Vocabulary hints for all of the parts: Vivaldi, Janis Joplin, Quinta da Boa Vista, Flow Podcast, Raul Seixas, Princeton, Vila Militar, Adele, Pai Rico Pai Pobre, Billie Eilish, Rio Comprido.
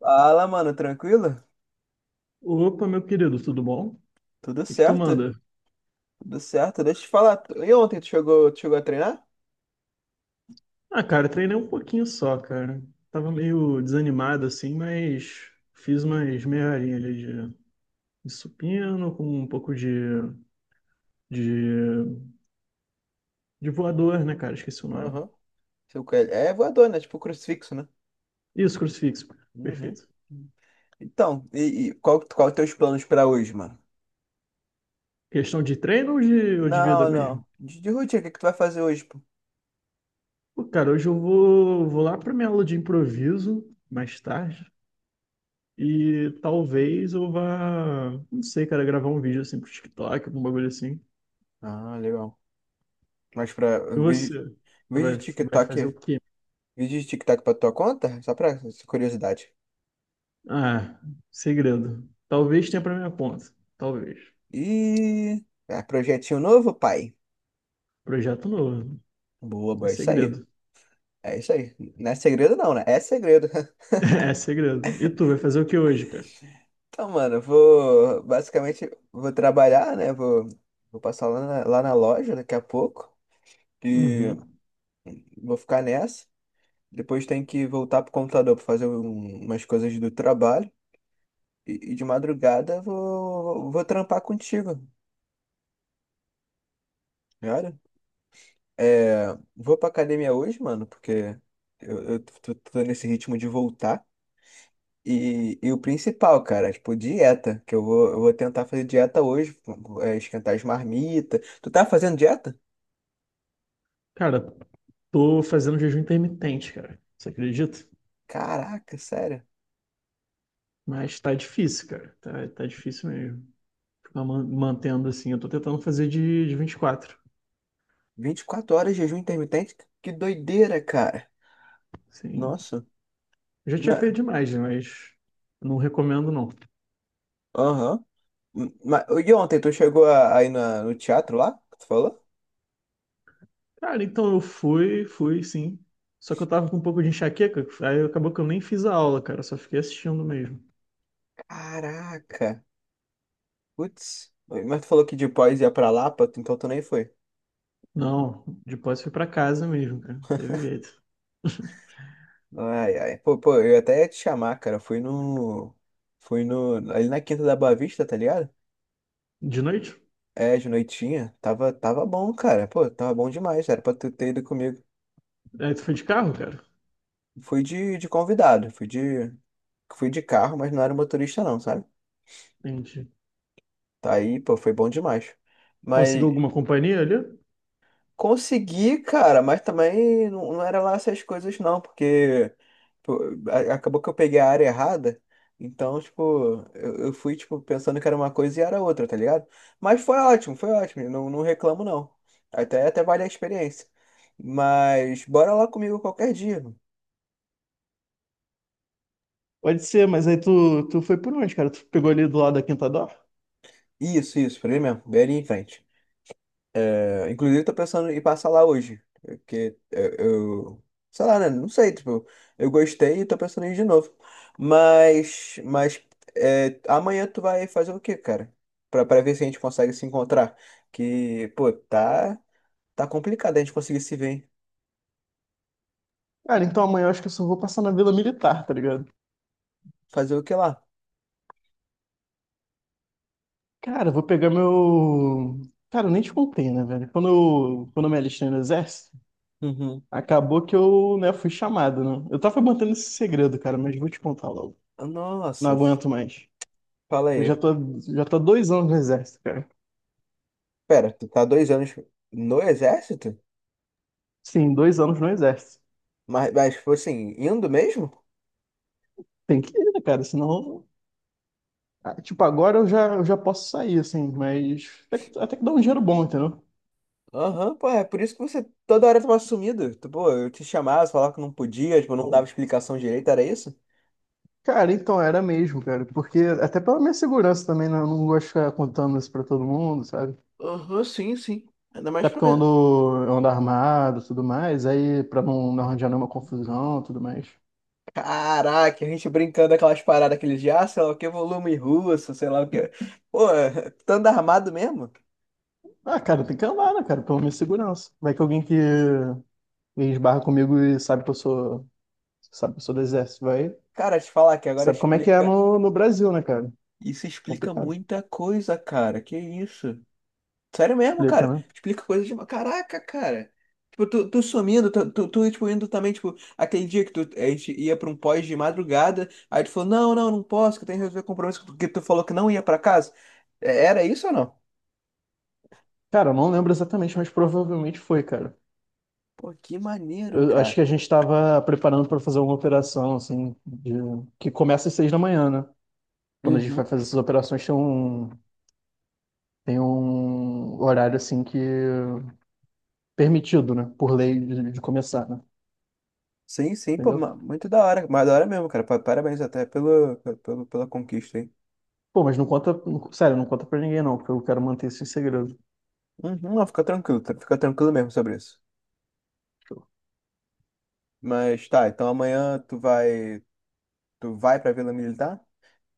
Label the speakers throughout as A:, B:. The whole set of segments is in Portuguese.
A: Fala, mano, tranquilo?
B: Opa, meu querido, tudo bom?
A: Tudo
B: O que tu
A: certo?
B: manda?
A: Tudo certo. Deixa eu te falar. E ontem tu chegou a treinar?
B: Ah, cara, treinei um pouquinho só, cara. Tava meio desanimado assim, mas fiz umas meia horinha ali de supino com um pouco de, de voador, né, cara? Esqueci o nome.
A: Aham. Seu coelho. É voador, né? Tipo crucifixo, né?
B: Isso, crucifixo.
A: Uhum.
B: Perfeito.
A: Então, e qual é os teus planos pra hoje, mano?
B: Questão de treino ou de vida
A: Não,
B: mesmo?
A: não. De rotina, o que que tu vai fazer hoje, pô?
B: Pô, cara, hoje vou lá pra minha aula de improviso mais tarde. E talvez eu vá, não sei, cara, gravar um vídeo assim pro TikTok, algum bagulho assim.
A: Ah, legal. Mas pra
B: E você?
A: vídeo,
B: Você
A: vídeo
B: vai,
A: de
B: vai fazer o
A: TikTok,
B: quê?
A: vídeo de TikTok pra tua conta? Só pra curiosidade.
B: Ah, segredo. Talvez tenha pra minha conta. Talvez.
A: E é, projetinho novo, pai.
B: Projeto novo.
A: Boa,
B: É
A: boa, é isso aí.
B: segredo.
A: É isso aí. Não é segredo não, né? É segredo.
B: É segredo. E tu vai fazer o que hoje, cara?
A: Então, mano, eu vou basicamente vou trabalhar, né? Vou passar lá na loja daqui a pouco e
B: Uhum.
A: vou ficar nessa. Depois tem que voltar pro computador pra fazer umas coisas do trabalho. E de madrugada vou trampar contigo, cara. É, vou pra academia hoje, mano, porque eu tô nesse ritmo de voltar. E o principal, cara, é, tipo, dieta, que eu vou tentar fazer dieta hoje, é, esquentar as marmitas. Tu tá fazendo dieta?
B: Cara, tô fazendo jejum intermitente, cara. Você acredita?
A: Caraca, sério.
B: Mas tá difícil, cara. Tá difícil mesmo. Ficar mantendo assim. Eu tô tentando fazer de 24.
A: 24 horas de jejum intermitente? Que doideira, cara.
B: Sim.
A: Nossa.
B: Eu já tinha
A: Ma-
B: feito demais, né? Mas não recomendo, não.
A: Aham. E ontem, tu chegou aí no teatro lá, que tu falou?
B: Cara, então fui sim. Só que eu tava com um pouco de enxaqueca, aí acabou que eu nem fiz a aula, cara, só fiquei assistindo mesmo.
A: Caraca. Putz, mas tu falou que de Pós ia pra Lapa, então tu nem foi.
B: Não, depois fui pra casa mesmo, cara, não teve jeito.
A: Ai, ai. Pô, pô, eu até ia te chamar, cara. Fui no ali na Quinta da Boa Vista, tá ligado?
B: De noite?
A: É, de noitinha. Tava bom, cara. Pô, tava bom demais. Era pra tu ter ido comigo.
B: Aí tu foi de carro, cara?
A: Fui de convidado. Fui de carro, mas não era motorista, não, sabe?
B: Entendi.
A: Tá aí, pô, foi bom demais.
B: Conseguiu
A: Mas
B: alguma companhia ali?
A: consegui, cara, mas também não, não era lá essas coisas não, porque pô, acabou que eu peguei a área errada. Então, tipo, eu fui, tipo, pensando que era uma coisa e era outra, tá ligado? Mas foi ótimo, não reclamo não. Até vale a experiência. Mas bora lá comigo qualquer dia. Mano.
B: Pode ser, mas aí tu foi por onde, cara? Tu pegou ali do lado da Quinta Dó?
A: Isso, por aí mesmo, bem ali em frente. É, inclusive, eu tô pensando em passar lá hoje. Porque é, eu. Sei lá, né? Não sei, tipo, eu gostei e tô pensando em ir de novo. Mas. Mas. É, amanhã tu vai fazer o quê, cara? Pra ver se a gente consegue se encontrar. Que, pô, tá. Tá complicado a gente conseguir se ver, hein?
B: Cara, então amanhã eu acho que eu só vou passar na Vila Militar, tá ligado?
A: Fazer o que lá?
B: Cara, eu vou pegar meu. Cara, eu nem te contei, né, velho? Quando eu me alistei no exército,
A: Uhum.
B: acabou que eu, né, fui chamado, né? Eu tava mantendo esse segredo, cara, mas vou te contar logo. Não
A: Nossa,
B: aguento mais.
A: fala
B: Eu
A: aí.
B: já tô, já tô há 2 anos no exército, cara.
A: Pera, tu tá 2 anos no exército?
B: Sim, 2 anos no exército.
A: Mas, tipo assim, indo mesmo?
B: Tem que ir, né, cara? Senão. Tipo, agora eu já posso sair, assim, mas até que dá um dinheiro bom, entendeu?
A: Aham, pô, é por isso que você toda hora tava sumido. Pô, eu te chamava, você falava que não podia, tipo, eu não dava explicação direito, era isso?
B: Cara, então era mesmo, cara, porque até pela minha segurança também, né, eu não gosto de ficar contando isso pra todo mundo, sabe?
A: Aham, sim, sim. Ainda mais
B: Até porque
A: pra.
B: eu ando armado, tudo mais, aí pra não arranjar nenhuma confusão, tudo mais.
A: Caraca, a gente brincando aquelas paradas, aqueles de, ah, sei lá o que, volume russo, sei lá o que. Pô, tu anda armado mesmo?
B: Ah, cara, tem que andar, né, cara, pela minha segurança. Vai que alguém que esbarra comigo e sabe que eu sou do exército, vai.
A: Cara, te falar que agora
B: Sabe como é que é
A: explica.
B: no Brasil, né, cara?
A: Isso explica
B: Complicado.
A: muita coisa, cara. Que isso? Sério mesmo,
B: Explica,
A: cara?
B: né?
A: Explica coisas de. Caraca, cara. Tipo, tu sumindo, tu, tipo, indo também, tipo, aquele dia que tu, a gente ia pra um pós de madrugada, aí tu falou, não, não, não posso, que eu tenho que resolver compromisso, porque tu falou que não ia pra casa. É, era isso ou não?
B: Cara, eu não lembro exatamente, mas provavelmente foi, cara.
A: Pô, que maneiro,
B: Eu acho
A: cara.
B: que a gente estava preparando para fazer uma operação, assim, de- que começa às 6 da manhã, né? Quando a gente vai
A: Uhum.
B: fazer essas operações, tem um horário, assim, que permitido, né? Por lei de começar, né?
A: Sim, sim, pô,
B: Entendeu?
A: muito da hora, mais da hora mesmo, cara. Parabéns até pela conquista, hein?
B: Pô, mas não conta, sério, não conta pra ninguém, não, porque eu quero manter isso em segredo.
A: Uhum, não, fica tranquilo, fica tranquilo mesmo sobre isso. Mas tá, então amanhã tu vai pra Vila Militar?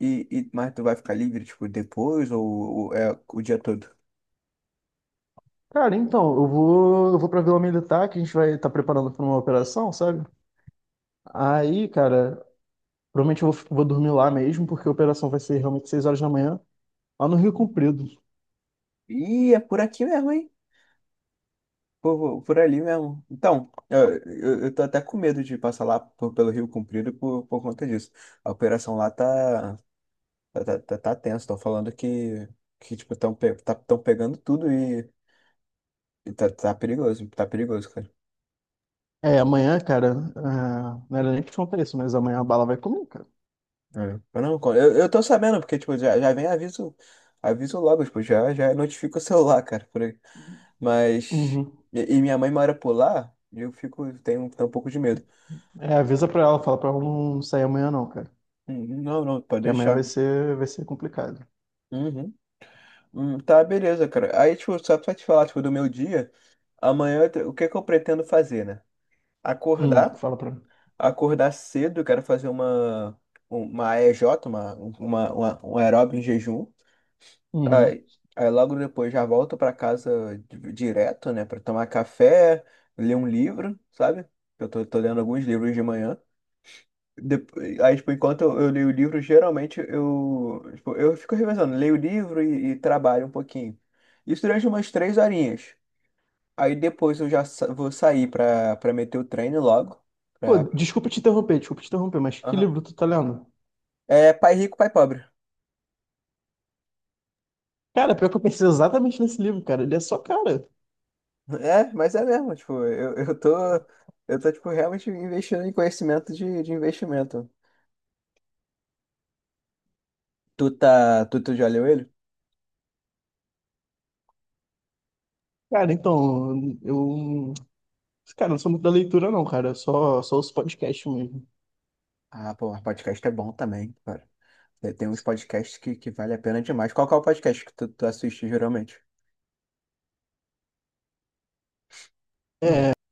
A: Mas tu vai ficar livre, tipo, depois ou é o dia todo?
B: Cara, então, eu vou pra Vila Militar, que a gente vai estar preparando para uma operação, sabe? Aí, cara, provavelmente vou dormir lá mesmo, porque a operação vai ser realmente 6 horas da manhã, lá no Rio Comprido.
A: Ih, é por aqui mesmo, hein? Por ali mesmo. Então, eu tô até com medo de passar lá pelo Rio Comprido por conta disso. A operação lá tá tenso. Estão falando que tipo, estão pe tá, tão pegando tudo e tá perigoso. Tá perigoso, cara.
B: É, amanhã, cara, não era nem pra te contar isso, mas amanhã a bala vai comer, cara.
A: É. Mas não, eu tô sabendo, porque, tipo, já vem aviso, logo, tipo, já notifica o celular, cara, por aí. Mas,
B: Uhum.
A: e minha mãe mora por lá, e tenho um pouco de medo.
B: É, avisa pra ela, fala pra ela não sair amanhã não, cara.
A: Não, não, pode
B: Que amanhã
A: deixar.
B: vai ser complicado.
A: Uhum. Tá, beleza, cara. Aí, tipo, só pra te falar, tipo, do meu dia, amanhã, o que que eu pretendo fazer, né? Acordar,
B: Fala pra ela.
A: acordar cedo, eu quero fazer uma AEJ, um aeróbio em jejum.
B: Uhum.
A: Aí, aí, logo depois já volto pra casa direto, né, pra tomar café, ler um livro, sabe? Eu tô lendo alguns livros de manhã. Depois, aí, tipo, enquanto eu leio o livro, geralmente eu, tipo, eu fico revezando, leio o livro e trabalho um pouquinho. Isso durante umas 3 horinhas. Aí depois eu já vou sair pra meter o treino logo.
B: Pô,
A: Pra...
B: desculpa te interromper, mas que
A: Aham.
B: livro tu tá lendo?
A: É pai rico, pai pobre.
B: Cara, pior que eu pensei exatamente nesse livro, cara. Ele é só cara.
A: É, mas é mesmo, tipo, eu tô, tipo, realmente investindo em conhecimento de investimento. Tu já leu ele?
B: Cara, então, eu... Cara, não sou muito da leitura não, cara. Eu só os podcasts mesmo.
A: Ah, pô, mas podcast é bom também, cara. Tem uns podcasts que vale a pena demais. Qual que é o podcast que tu assiste geralmente?
B: É,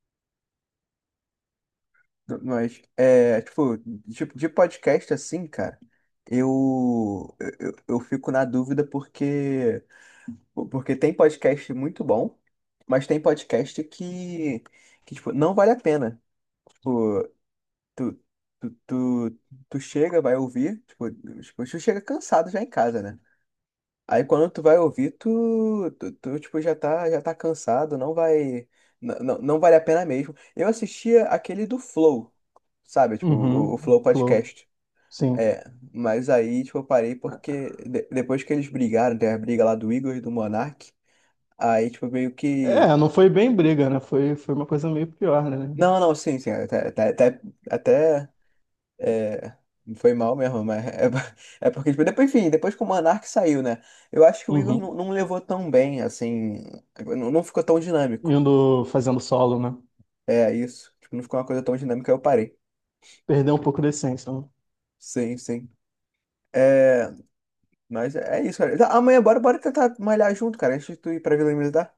A: Hum. Mas, é, tipo, de podcast assim, cara, eu, eu fico na dúvida porque tem podcast muito bom, mas tem podcast que tipo, não vale a pena. Tipo, Tu, tu, tu, tu chega, vai ouvir, tipo, tu chega cansado já em casa, né? Aí quando tu vai ouvir, tu, tipo, já tá cansado, não vale a pena mesmo. Eu assistia aquele do Flow, sabe? Tipo, o,
B: uhum,
A: o Flow
B: flow,
A: Podcast.
B: sim.
A: É, mas aí, tipo, eu parei porque depois que eles brigaram, teve a briga lá do Igor e do Monark, aí, tipo, meio que...
B: É, não foi bem briga, né? Foi uma coisa meio pior, né?
A: Não, não, sim, sim, até é, foi mal mesmo, mas é, é porque, tipo, depois, enfim, depois que o Monark saiu, né? Eu acho que o Igor não,
B: Uhum.
A: não levou tão bem, assim, não ficou tão dinâmico.
B: Indo fazendo solo, né?
A: É isso, tipo, não ficou uma coisa tão dinâmica, eu parei.
B: Perder um pouco da essência, né?
A: Sim, sim. É, mas é isso, cara. Tá, amanhã, bora, bora tentar malhar junto, cara, antes de tu ir pra Vila Militar.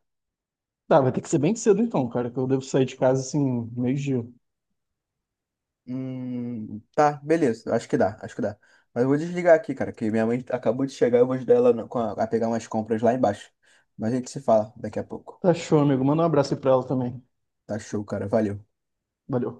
B: Tá, vai ter que ser bem cedo então, cara, que eu devo sair de casa assim, meio-dia.
A: Tá, beleza, acho que dá, acho que dá. Mas eu vou desligar aqui, cara, que minha mãe acabou de chegar, eu vou ajudar ela com a pegar umas compras lá embaixo. Mas a gente se fala daqui a pouco.
B: Tá show, amigo. Manda um abraço aí pra ela também.
A: Tá show, cara, valeu.
B: Valeu.